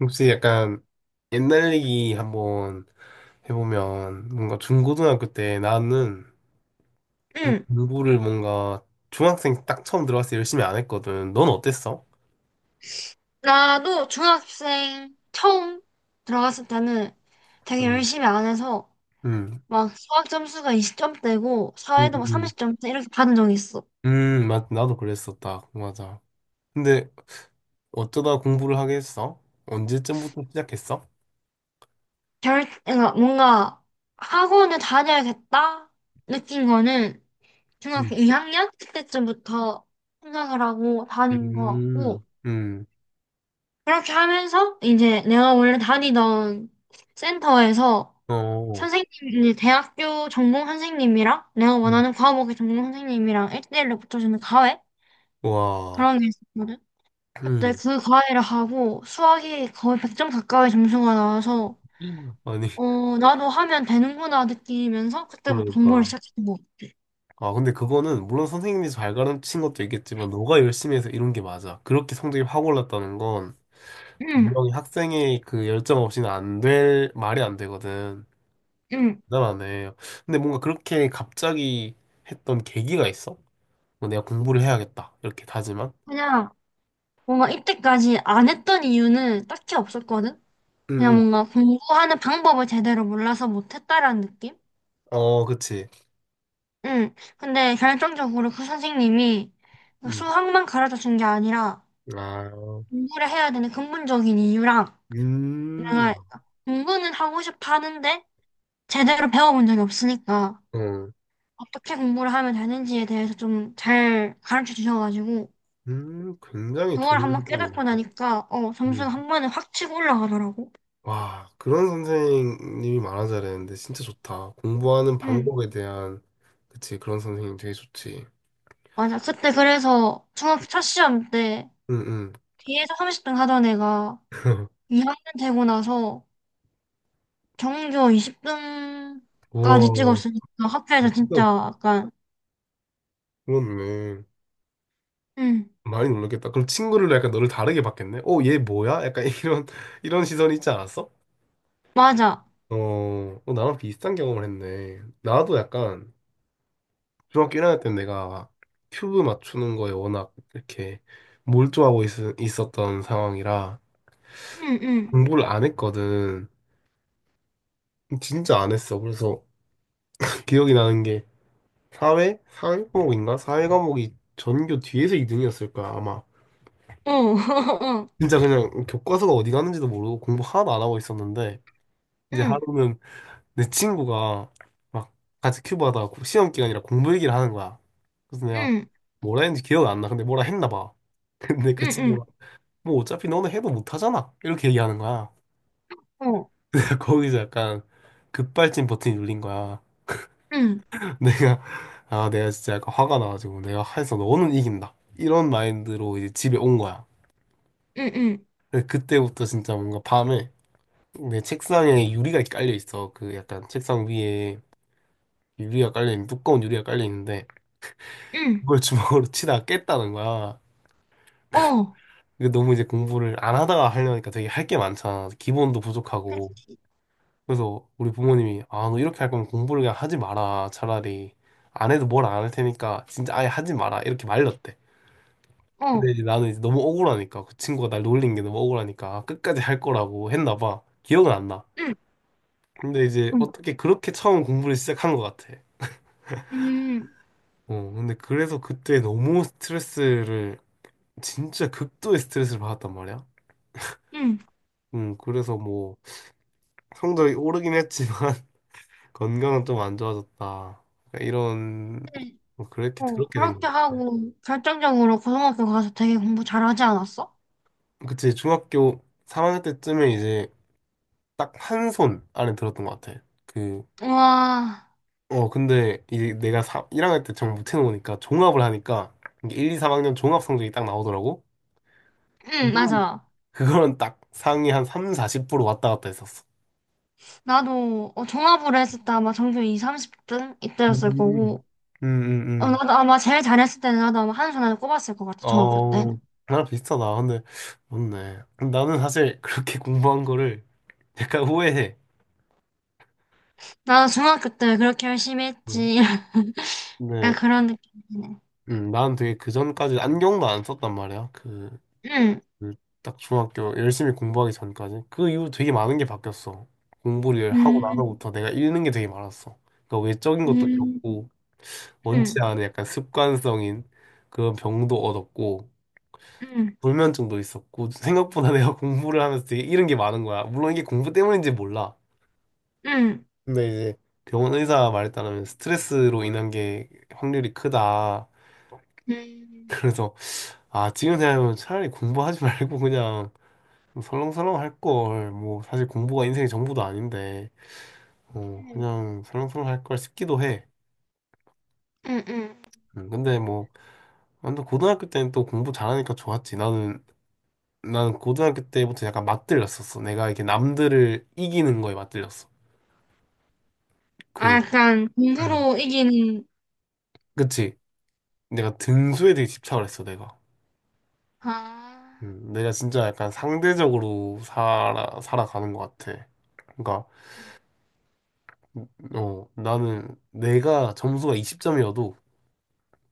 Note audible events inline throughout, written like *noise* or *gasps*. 혹시 약간 옛날 얘기 한번 해보면 뭔가 중고등학교 때 나는 응, 공부를 뭔가 중학생 딱 처음 들어갔을 때 열심히 안 했거든. 넌 어땠어? 나도 중학생 처음 들어갔을 때는 되게 음, 열심히 안 해서 음, 막 수학 점수가 20점대고 음, 사회도 막 음, 30점대 이렇게 받은 적이 있어. 나도 그랬었다. 맞아. 근데 어쩌다 공부를 하게 했어? 언제쯤부터 시작했어? 그러니까 뭔가 학원을 다녀야겠다 느낀 거는 음, 중학교 2학년 그때쯤부터 생각을 하고 다닌 것 같고, 음, 음, 그렇게 하면서 이제 내가 원래 다니던 센터에서 어, 선생님이 대학교 전공 선생님이랑 내가 음. 원하는 과목의 전공 선생님이랑 1대1로 붙여주는 과외? 와, 그런 게 있었거든. 그때 음, 그 과외를 하고 수학이 거의 100점 가까이 점수가 나와서 아니, 어 나도 하면 되는구나 느끼면서 그때부터 공부를 그러니까. 시작했던 것 같아. 아, 근데 그거는 물론 선생님이 잘 가르친 것도 있겠지만 너가 열심히 해서 이룬 게 맞아. 그렇게 성적이 확 올랐다는 건 응, 분명히 학생의 그 열정 없이는 안 될 말이 안 되거든. 응. 대단하네. 근데 뭔가 그렇게 갑자기 했던 계기가 있어? 뭐 내가 공부를 해야겠다. 이렇게 다지만. 그냥 뭔가 이때까지 안 했던 이유는 딱히 없었거든. 응, 그냥 응. 뭔가 공부하는 방법을 제대로 몰라서 못했다라는 느낌? 어, 그치. 응. 근데 결정적으로 그 선생님이 응. 수학만 가르쳐 준 게 아니라 아, 공부를 해야 되는 근본적인 이유랑 음, 내가 공부는 하고 싶어 하는데 제대로 배워본 적이 없으니까 어, 어떻게 공부를 하면 되는지에 대해서 좀 잘 가르쳐 주셔가지고 굉장히 그걸 좋은 한번 부분이네. 깨닫고 나니까 어, 응. 점수가 한 번에 확 치고 올라가더라고. 와, 그런 선생님이 많아져야 되는데 진짜 좋다. 공부하는 응. 방법에 대한 그치 그런 선생님 되게 좋지. 맞아. 그때 그래서 중학교 첫 시험 때 응응. 뒤에서 30등 하던 애가 *laughs* 2학년 되고 나서 정규어 20등까지 우와, 찍었으니까 학교에서 진짜 그건 약간 그렇네. 응, 많이 놀랐겠다. 그럼 친구를 약간 너를 다르게 봤겠네. 어, 얘 뭐야? 약간 *laughs* 이런 시선이 있지 않았어? 맞아. 어, 어, 나랑 비슷한 경험을 했네. 나도 약간 중학교 1학년 때 내가 큐브 맞추는 거에 워낙 이렇게 몰두하고 있었던 상황이라 공부를 안 했거든. 진짜 안 했어. 그래서 *laughs* 기억이 나는 게 사회? 사회 과목인가? 사회 과목이 전교 뒤에서 2등이었을 거야, 아마. 진짜 그냥 교과서가 어디 갔는지도 모르고 공부 하나도 안 하고 있었는데 응응, 이제 어응, 응, 응, 응응어, 응, 응, 응, 응어. 하루는 내 친구가 막 같이 큐브 하다가 시험 기간이라 공부 얘기를 하는 거야. 그래서 내가 뭐라 했는지 기억이 안 나. 근데 뭐라 했나 봐. *laughs* 근데 그 친구가 뭐 어차피 너는 해도 못 하잖아. 이렇게 얘기하는 거야. *laughs* 거기서 약간 급발진 버튼이 눌린 거야. *laughs* 내가 아 내가 진짜 약간 화가 나가지고 내가 해서 너는 이긴다 이런 마인드로 이제 집에 온 거야. 근데 그때부터 진짜 뭔가 밤에 내 책상에 유리가 깔려 있어. 그 약간 책상 위에 유리가 깔려 있는 두꺼운 유리가 깔려 있는데 그걸 주먹으로 *laughs* 치다가 깼다는 거야. 이게 너무 이제 공부를 안 하다가 하려니까 되게 할 게 많잖아. 기본도 부족하고. 그렇지. 그래서 우리 부모님이 아 너 이렇게 할 거면 공부를 그냥 하지 마라. 차라리 안 해도 뭘 안 할 테니까 진짜 아예 하지 마라. 이렇게 말렸대. 근데 이제 나는 이제 너무 억울하니까 그 친구가 날 놀린 게 너무 억울하니까 아, 끝까지 할 거라고 했나 봐. 기억은 안 나. 근데 이제 어응, 응, 응응응응응. 어떻게 그렇게 처음 공부를 시작한 것 같아. 어, 근데 그래서 그때 너무 스트레스를 진짜 극도의 스트레스를 받았단 말이야. *laughs* 그래서 뭐 성적이 오르긴 했지만 *laughs* 건강은 좀 안 좋아졌다. 그러니까 이런 뭐 그렇게 그렇게 된 그렇게 것 같아. 하고 결정적으로 고등학교 가서 되게 공부 잘하지 않았어? 그치 중학교 3학년 때쯤에 이제 딱 한 손 안에 들었던 것 같아. 그 우와. 어, 근데 이 내가 1학년 때 정말 못해놓으니까 종합을 하니까 이게 1, 2, 3학년 종합 성적이 딱 나오더라고. 응, 그건, 맞아. 그거는 딱 상위 한 3, 40% 왔다 갔다 했었어. 나도 어, 종합으로 했을 때 아마 정규어 20, 30등 이때였을 음, 거고, 음, 음, 어, 음. 나도 아마 제일 잘했을 때는 나도 아마 한손 안에 꼽았을 것 같아, 중학교 어, 때는. 나랑 비슷하다. 근데, 맞네. 나는 사실 *laughs* 그렇게 공부한 거를 약간 후회해. 나도 중학교 때 그렇게 열심히 음. 했지. *laughs* 약간 근데, 그런 느낌이네. 나는 되게 그 전까지 안경도 안 썼단 말이야. 응. 음, 딱 중학교 열심히 공부하기 전까지 그 이후 되게 많은 게 바뀌었어. 공부를 하고 음. 나서부터 내가 잃는 게 되게 많았어. 그러니까 외적인 것도 음. 잃었고 음. 원치 음. 않은 약간 습관성인 그런 병도 얻었고 음. 불면증도 있었고 생각보다 *laughs* 내가 공부를 하면서 되게 잃은 게 많은 거야. 물론 이게 공부 때문인지 몰라. 음. 근데 이제 병원 의사 말에 따르면 스트레스로 인한 게 확률이 크다. *laughs* 음. 그래서 아 지금 생각하면 차라리 공부하지 말고 그냥 좀 설렁설렁 할 걸, 뭐, 사실 공부가 인생의 전부도 아닌데, 어, 그냥 설렁설렁 할 걸 싶기도 해. 음. 음. 근데 뭐, 완전 고등학교 때는 또 공부 잘하니까 좋았지. 나는 고등학교 때부터 약간 맞들렸었어. 내가 이렇게 남들을 이기는 거에 맞들렸어. 아, 그, 약간 음. 공부로 이기는, 그치. 내가 등수에 되게 집착을 했어, 내가. 아, 내가 진짜 약간 상대적으로 살아가는 것 같아. 그러니까, 음, 어, 나는 내가 점수가 20점이어도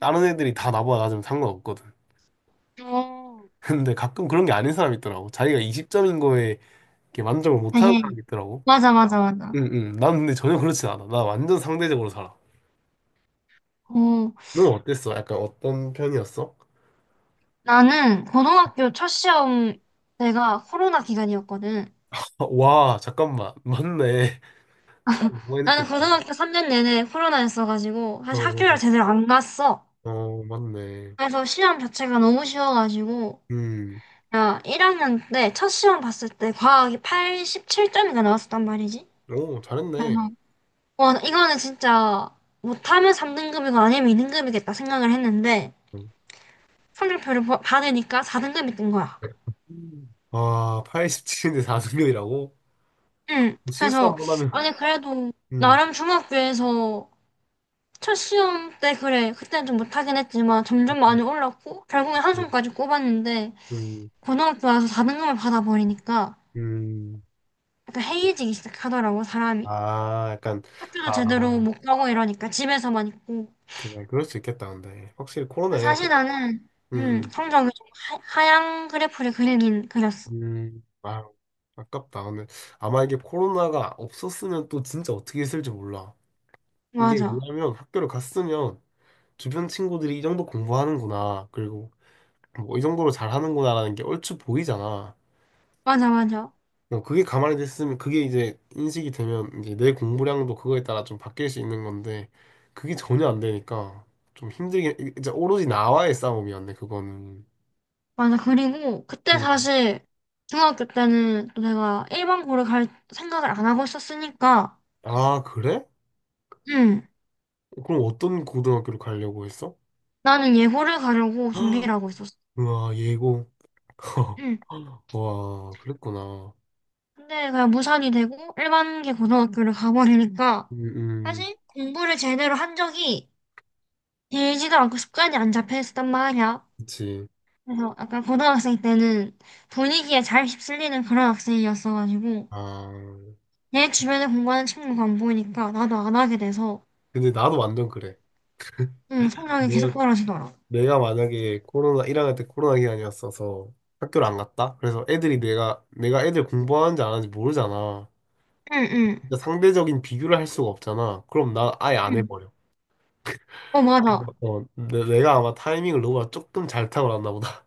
다른 애들이 다 나보다 낮으면 상관없거든. 어, 근데 가끔 그런 게 아닌 사람이 있더라고. 자기가 20점인 거에 이렇게 만족을 못하는 되게, 사람이 있더라고. 맞아, 맞아, 맞아. 응, 응. 난 근데 전혀 그렇진 않아. 나 완전 상대적으로 살아. 어, 넌 어땠어? 약간 어떤 편이었어? *laughs* 나는 고등학교 첫 시험 때가 코로나 기간이었거든. 아, 와, 잠깐만. 맞네. *laughs* 차이 너무 많이 나는 느껴진다. 고등학교 3년 내내 코로나였어가지고 사실 학교를 어, 제대로 안 갔어. 어, 맞네. 그래서 시험 자체가 너무 쉬워가지고 음, 야 1학년 때 첫 시험 봤을 때 과학이 87점인가 나왔었단 말이지. 오, 잘했네. 그래서 와 이거는 진짜 못하면 3등급이고 아니면 2등급이겠다 생각을 했는데 음. 성적표를 받으니까 4등급이 뜬 거야. 아, 87인데 4승률이라고? 응. 실수 그래서 한 번 하면. 아니 그래도 음, 나름 중학교에서 첫 시험 때 그래 그때는 좀 못하긴 했지만 점점 많이 올랐고 결국엔 한 음, 손까지 꼽았는데 음. 고등학교 와서 4등급을 받아버리니까 음. 약간 해이해지기 시작하더라고, 사람이. 아, 약간, 학교도 제대로 아. 못 가고 이러니까 집에서만 있고. 그래, 그럴 수 있겠다, 근데. 확실히 코로나에 사실 나는, 음, 성적이 좀 하향 그래프를 그리긴 그렸어. 아, 아깝다. 오늘 아마 이게 코로나가 없었으면 또 진짜 어떻게 했을지 몰라. 이게 맞아. 뭐냐면 학교를 갔으면 주변 친구들이 이 정도 공부하는구나. 그리고 뭐 이 정도로 잘하는구나라는 게 얼추 보이잖아. 맞아, 맞아. 어, 그게 가만히 됐으면 그게 이제 인식이 되면 이제 내 공부량도 그거에 따라 좀 바뀔 수 있는 건데 그게 전혀 안 되니까 좀 힘들게 이제 오로지 나와의 싸움이었네, 그거는. 맞아. 그리고 그때 음. 사실 중학교 때는 또 내가 일반고를 갈 생각을 안 하고 있었으니까, 아, 그래? 음, 그럼 어떤 고등학교를 가려고 했어? 나는 예고를 가려고 준비를 *gasps* 하고 있었어. 우와, 예고. *laughs* 음. 와, 그랬구나. 근데 그냥 무산이 되고 일반계 고등학교를 가버리니까 음, 음, 사실 공부를 제대로 한 적이 길지도 않고 습관이 안 잡혀 있었단 말이야. 그치. 그래서 약간 고등학생 때는 분위기에 잘 휩쓸리는 그런 학생이었어가지고 아, 내 주변에 공부하는 친구가 안 보이니까 나도 안 하게 돼서 근데 나도 완전 그래. 응, 성적이 내가, 계속 떨어지더라. 내가 만약에 코로나, 1학년 때 코로나 기간이었어서 학교를 안 갔다? 그래서 애들이 내가 애들 공부하는지 안 하는지 모르잖아. 응, 응, 진짜 상대적인 비교를 할 수가 없잖아. 그럼 나 아예 안 응. 해버려. 어, 맞아. 어, 내가 아마 타이밍을 너보다 조금 잘 타고 났나 보다.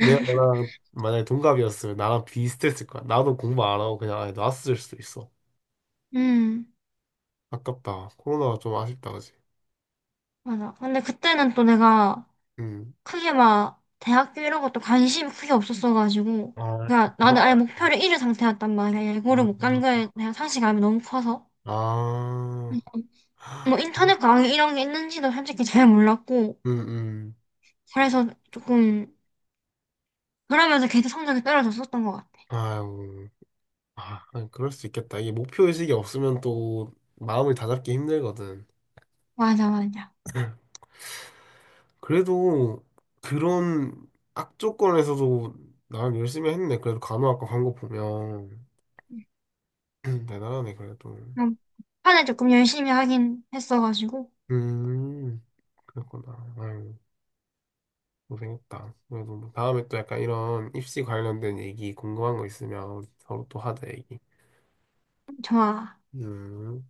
내가 너랑 만약에 동갑이었으면 나랑 비슷했을 거야. 나도 공부 안 하고 그냥 아예 놨을 수도 있어. 응, 아깝다. 코로나가 좀 아쉽다, 그지? 맞아. 근데 그때는 또 내가 응 크게 막 대학교 이런 것도 관심이 크게 없었어가지고 아, 그러니까 그랬 나는 아예 어, 구 목표를 잃은 상태였단 말이야. 예고를 못 간 거에 대한 상실감이 너무 커서 아, 음, 뭐 인터넷 강의 이런 게 있는지도 솔직히 잘 몰랐고 음, 음. 그래서 조금 그러면서 계속 성적이 떨어졌었던 것 같아. 아유, 아, 아니, 그럴 수 있겠다. 이게 목표의식이 없으면 또 마음을 다잡기 힘들거든. 맞아, 맞아. 그래도 그런 악조건에서도 나름 열심히 했네. 그래도 간호학과 간 거 보면. *clears throat* 대단하네, 그래도. 그럼 판에 조금 열심히 하긴 했어가지고 음. 그렇구나. 아유, 고생했다. 그래도 뭐 다음에 또 약간 이런 입시 관련된 얘기 궁금한 거 있으면 우리 서로 또 하자, 얘기. 좋아. 음.